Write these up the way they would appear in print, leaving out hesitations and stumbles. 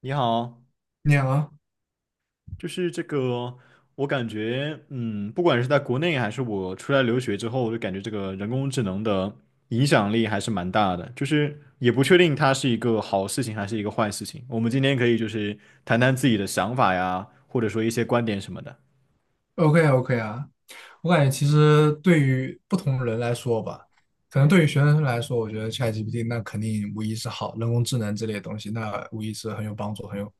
你好，你好啊就是这个，我感觉，不管是在国内还是我出来留学之后，我就感觉这个人工智能的影响力还是蛮大的，就是也不确定它是一个好事情还是一个坏事情。我们今天可以就是谈谈自己的想法呀，或者说一些观点什么的。，OK OK 啊，我感觉其实对于不同人来说吧，可能对于学生来说，我觉得 ChatGPT 那肯定无疑是好，人工智能之类的东西，那无疑是很有帮助、很有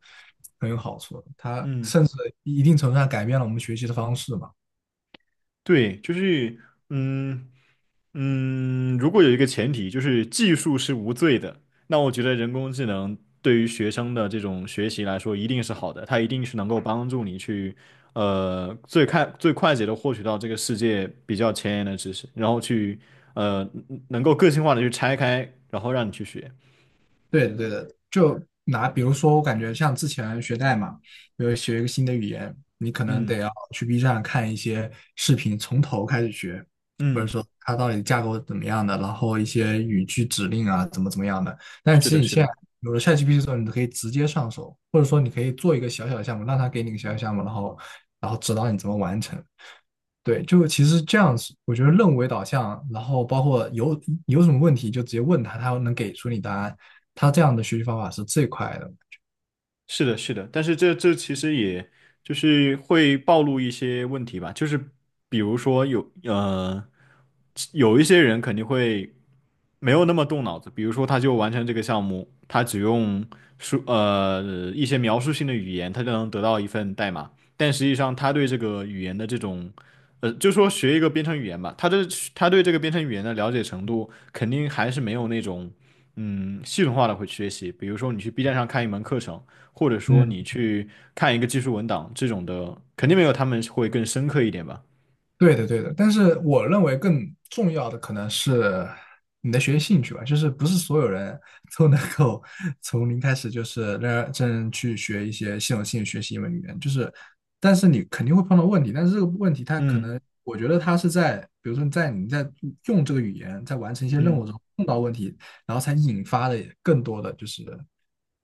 很有好处的。它嗯。甚至一定程度上改变了我们学习的方式嘛。对，就是嗯。如果有一个前提，就是技术是无罪的，那我觉得人工智能对于学生的这种学习来说，一定是好的，它一定是能够帮助你去，最快捷的获取到这个世界比较前沿的知识，然后去，呃，能够个性化的去拆开，然后让你去学。对的，对的，就拿比如说，我感觉像之前学代码，比如学一个新的语言，你可能嗯得要去 B 站看一些视频，从头开始学，或者嗯，说它到底架构怎么样的，然后一些语句指令啊，怎么样的。但是其的，实你是现在的。有了 ChatGPT 之后，你可以直接上手，或者说你可以做一个小小的项目，让它给你一个小小项目，然后指导你怎么完成。对，就其实这样子，我觉得任务为导向，然后包括有什么问题就直接问他，他能给出你答案。他这样的学习方法是最快的。是的，是的，但是这其实也就是会暴露一些问题吧，就是比如说有一些人肯定会没有那么动脑子，比如说他就完成这个项目，他只用说一些描述性的语言，他就能得到一份代码，但实际上他对这个语言的这种就说学一个编程语言吧，他对这个编程语言的了解程度肯定还是没有那种。嗯，系统化的会学习，比如说你去 B 站上看一门课程，或者说你嗯。去看一个技术文档，这种的肯定没有他们会更深刻一点吧。对的，对的，但是我认为更重要的可能是你的学习兴趣吧，就是不是所有人 都能够 从零开始就是认真去学一些系统性学习一门语言，就是，但是你肯定会碰到问题，但是这个问题它可嗯能，我觉得它是在，比如说在你在用这个语言在完成一些任务嗯，中碰到问题，然后才引发的更多的就是，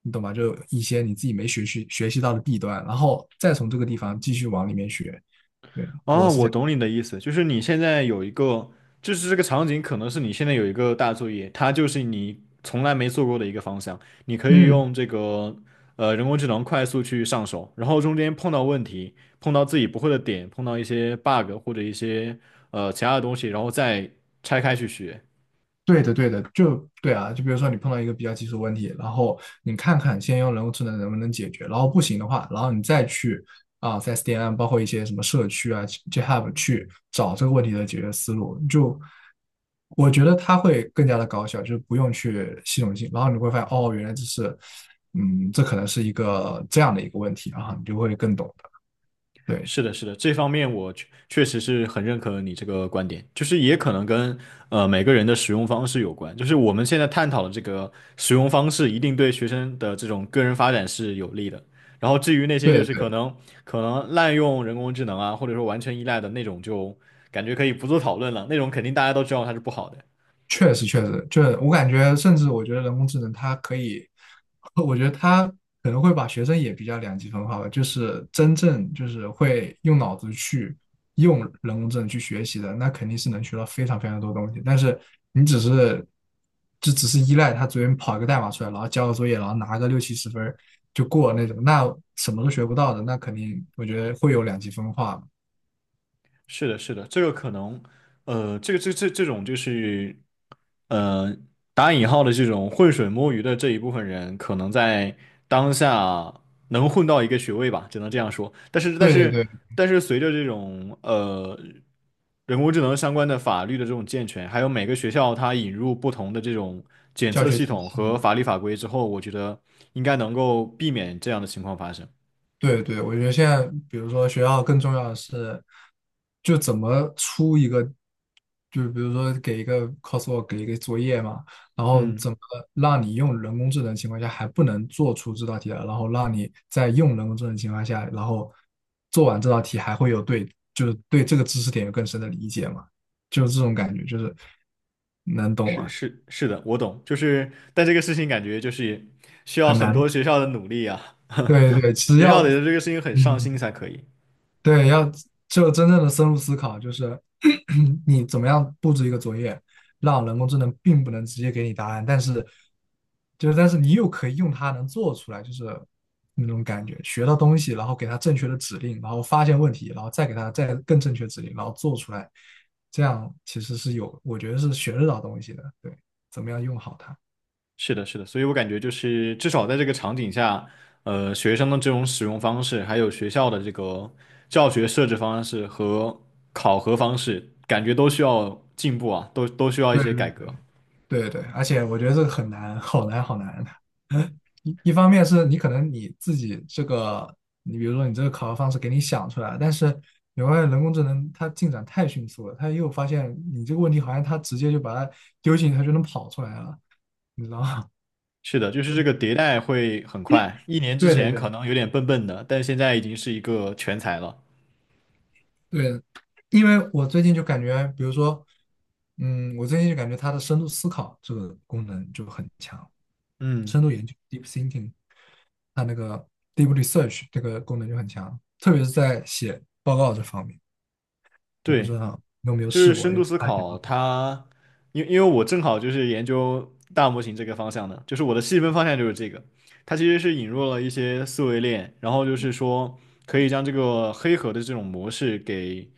你懂吧？就一些你自己没学习到的弊端，然后再从这个地方继续往里面学，对，我哦，是这我样。懂你的意思，就是你现在有一个，就是这个场景可能是你现在有一个大作业，它就是你从来没做过的一个方向，你可以嗯，用这个人工智能快速去上手，然后中间碰到问题，碰到自己不会的点，碰到一些 bug 或者一些其他的东西，然后再拆开去学。对的，对的，就对啊，就比如说你碰到一个比较棘手问题，然后你看看先用人工智能能不能解决，然后不行的话，然后你再去啊，在 SDN 包括一些什么社区啊、GitHub 去找这个问题的解决思路，就我觉得它会更加的高效，就是不用去系统性，然后你会发现哦，原来这是，嗯，这可能是一个这样的一个问题，然后你就会更懂的，对，是的，是的，这方面我确实是很认可你这个观点，就是也可能跟每个人的使用方式有关，就是我们现在探讨的这个使用方式，一定对学生的这种个人发展是有利的。然后至于那些就对是可对。能可能滥用人工智能啊，或者说完全依赖的那种，就感觉可以不做讨论了，那种肯定大家都知道它是不好的。确实确实，就是我感觉，甚至我觉得人工智能它可以，我觉得它可能会把学生也比较两极分化吧，就是真正就是会用脑子去用人工智能去学习的，那肯定是能学到非常非常多东西。但是你只是就只是依赖它随便跑一个代码出来，然后交个作业，然后拿个六七十分儿就过那种，那什么都学不到的，那肯定我觉得会有两极分化。是的，是的，这个可能，这种就是，呃，打引号的这种浑水摸鱼的这一部分人，可能在当下能混到一个学位吧，只能这样说。但是，但对是，对对，但是，随着这种人工智能相关的法律的这种健全，还有每个学校它引入不同的这种检教测学系体统系。和法律法规之后，我觉得应该能够避免这样的情况发生。对对，我觉得现在，比如说学校更重要的是，就怎么出一个，就比如说给一个 coursework，给一个作业嘛，然后嗯。怎么让你用人工智能情况下还不能做出这道题来，然后让你在用人工智能情况下，然后做完这道题还会有对，就是对这个知识点有更深的理解嘛，就是这种感觉，就是能懂是吗？是是的，我懂，就是但这个事情感觉就是需要很很难。多学校的努力啊，对对，只学要，校得对这个事情很上嗯，心才可以。对，要就真正的深入思考，就是 你怎么样布置一个作业，让人工智能并不能直接给你答案，但是就是但是你又可以用它能做出来，就是那种感觉，学到东西，然后给它正确的指令，然后发现问题，然后再给它再更正确指令，然后做出来，这样其实是有，我觉得是学得到东西的。对，怎么样用好它？是的，是的，所以我感觉就是至少在这个场景下，学生的这种使用方式，还有学校的这个教学设置方式和考核方式，感觉都需要进步啊，都需要一些改对。革。对对，而且我觉得这个很难，好难，好难。的。一方面是你可能你自己这个，你比如说你这个考核方式给你想出来，但是你会发现人工智能它进展太迅速了，它又发现你这个问题好像它直接就把它丢进去，它就能跑出来了，你知道吗？是的，就是这个迭代会很快，一年 之对对前可对，能有点笨笨的，但现在已经是一个全才了。对，因为我最近就感觉，比如说，我最近就感觉它的深度思考这个功能就很强，嗯，深度研究 （deep thinking），它那个 deep research 这个功能就很强，特别是在写报告这方面。我不知对。道你有没有就是试过，深度用思它写报考告。它，因为我正好就是研究大模型这个方向的，就是我的细分方向就是这个。它其实是引入了一些思维链，然后就是说可以将这个黑盒的这种模式给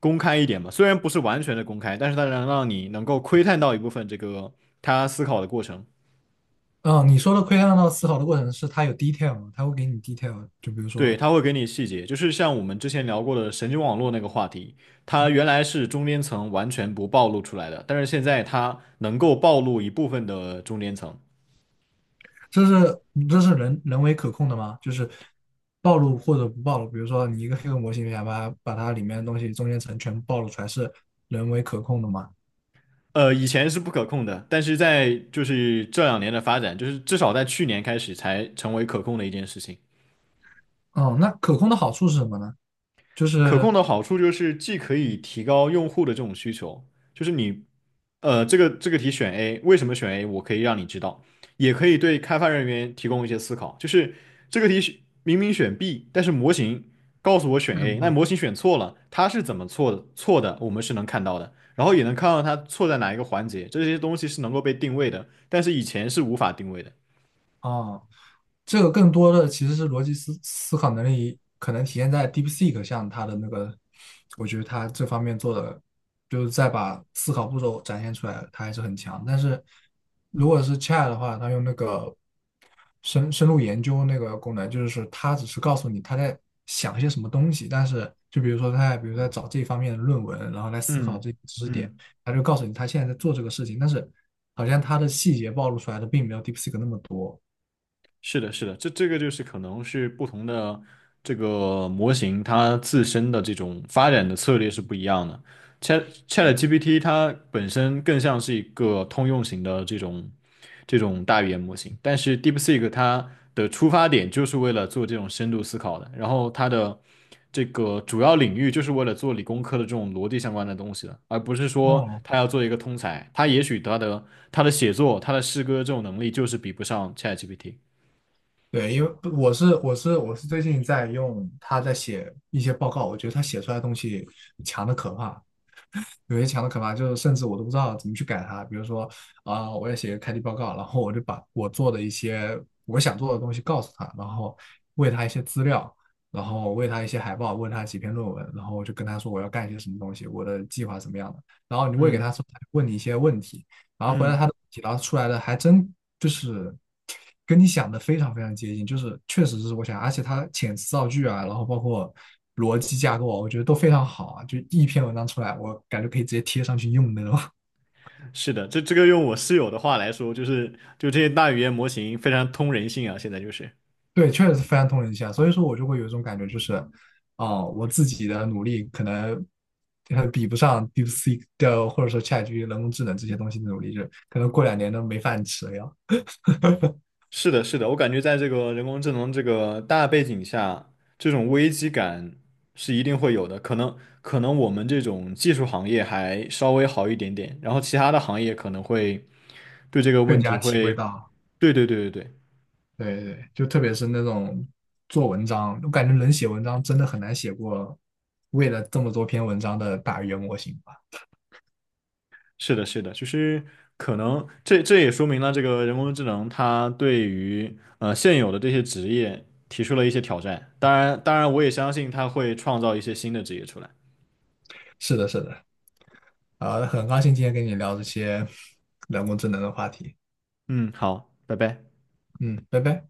公开一点嘛，虽然不是完全的公开，但是它能让你能够窥探到一部分这个他思考的过程。嗯，你说的窥探到思考的过程是它有 detail 吗？它会给你 detail，就比如对，说它会给你细节，就是像我们之前聊过的神经网络那个话题，它原来是中间层完全不暴露出来的，但是现在它能够暴露一部分的中间层。这是这是人为可控的吗？就是暴露或者不暴露，比如说你一个黑客模型，你想把它里面的东西中间层全部暴露出来，是人为可控的吗？呃，以前是不可控的，但是在就是这两年的发展，就是至少在去年开始才成为可控的一件事情。哦，那可控的好处是什么呢？就可控是的好处就是既可以提高用户的这种需求，就是你，这个题选 A,为什么选 A？我可以让你知道，也可以对开发人员提供一些思考。就是这个题明明选 B,但是模型告诉我选 为什么 A,那会？模型选错了，它是怎么错的？错的，我们是能看到的，然后也能看到它错在哪一个环节，这些东西是能够被定位的，但是以前是无法定位的。哦这个更多的其实是逻辑思考能力，可能体现在 DeepSeek 像它的那个，我觉得它这方面做的，就是在把思考步骤展现出来，它还是很强。但是如果是 Chat 的话，它用那个深入研究那个功能，就是说它只是告诉你它在想一些什么东西，但是就比如说它在比如在找这方面的论文，然后来思考嗯这些知识点，嗯。它就告诉你它现在在做这个事情，但是好像它的细节暴露出来的并没有 DeepSeek 那么多。是的，是的，这个就是可能是不同的这个模型，它自身的这种发展的策略是不一样的。ChatGPT 它本身更像是一个通用型的这种大语言模型，但是 DeepSeek 它的出发点就是为了做这种深度思考的，然后它的这个主要领域就是为了做理工科的这种逻辑相关的东西的，而不是说哦，它要做一个通才。它也许它的写作、它的诗歌这种能力就是比不上 ChatGPT。对，因为我是最近在用他在写一些报告，我觉得他写出来的东西强的可怕，有些强的可怕，就是甚至我都不知道怎么去改它。比如说啊、我要写个开题报告，然后我就把我做的一些我想做的东西告诉他，然后喂他一些资料，然后喂他一些海报，问他几篇论文，然后我就跟他说我要干一些什么东西，我的计划怎么样的。然后你喂给嗯他说，他就问你一些问题，然后回来，他嗯，的问题，然后出来的还真就是跟你想的非常非常接近，就是确实是我想，而且他遣词造句啊，然后包括逻辑架构啊，我觉得都非常好啊，就一篇文章出来，我感觉可以直接贴上去用的那种。是的，这个用我室友的话来说，就是就这些大语言模型非常通人性啊，现在就是。对，确实是非常通人性啊，所以说我就会有一种感觉，就是哦、我自己的努力可能。比不上 DeepSeek 的，或者说 ChatG p t 人工智能这些东西的努力，就可能过两年都没饭吃了要，是的，是的，我感觉在这个人工智能这个大背景下，这种危机感是一定会有的。可能我们这种技术行业还稍微好一点点，然后其他的行业可能会对这个更问题加体会会，到。对对对对对。对对，就特别是那种做文章，我感觉能写文章真的很难写过为了这么多篇文章的大语言模型吧。是的，是的，就是可能这也说明了这个人工智能它对于现有的这些职业提出了一些挑战。当然，当然我也相信它会创造一些新的职业出来。是的，是的，啊，很高兴今天跟你聊这些 人工智能的话题。嗯，好，拜拜。嗯，拜拜。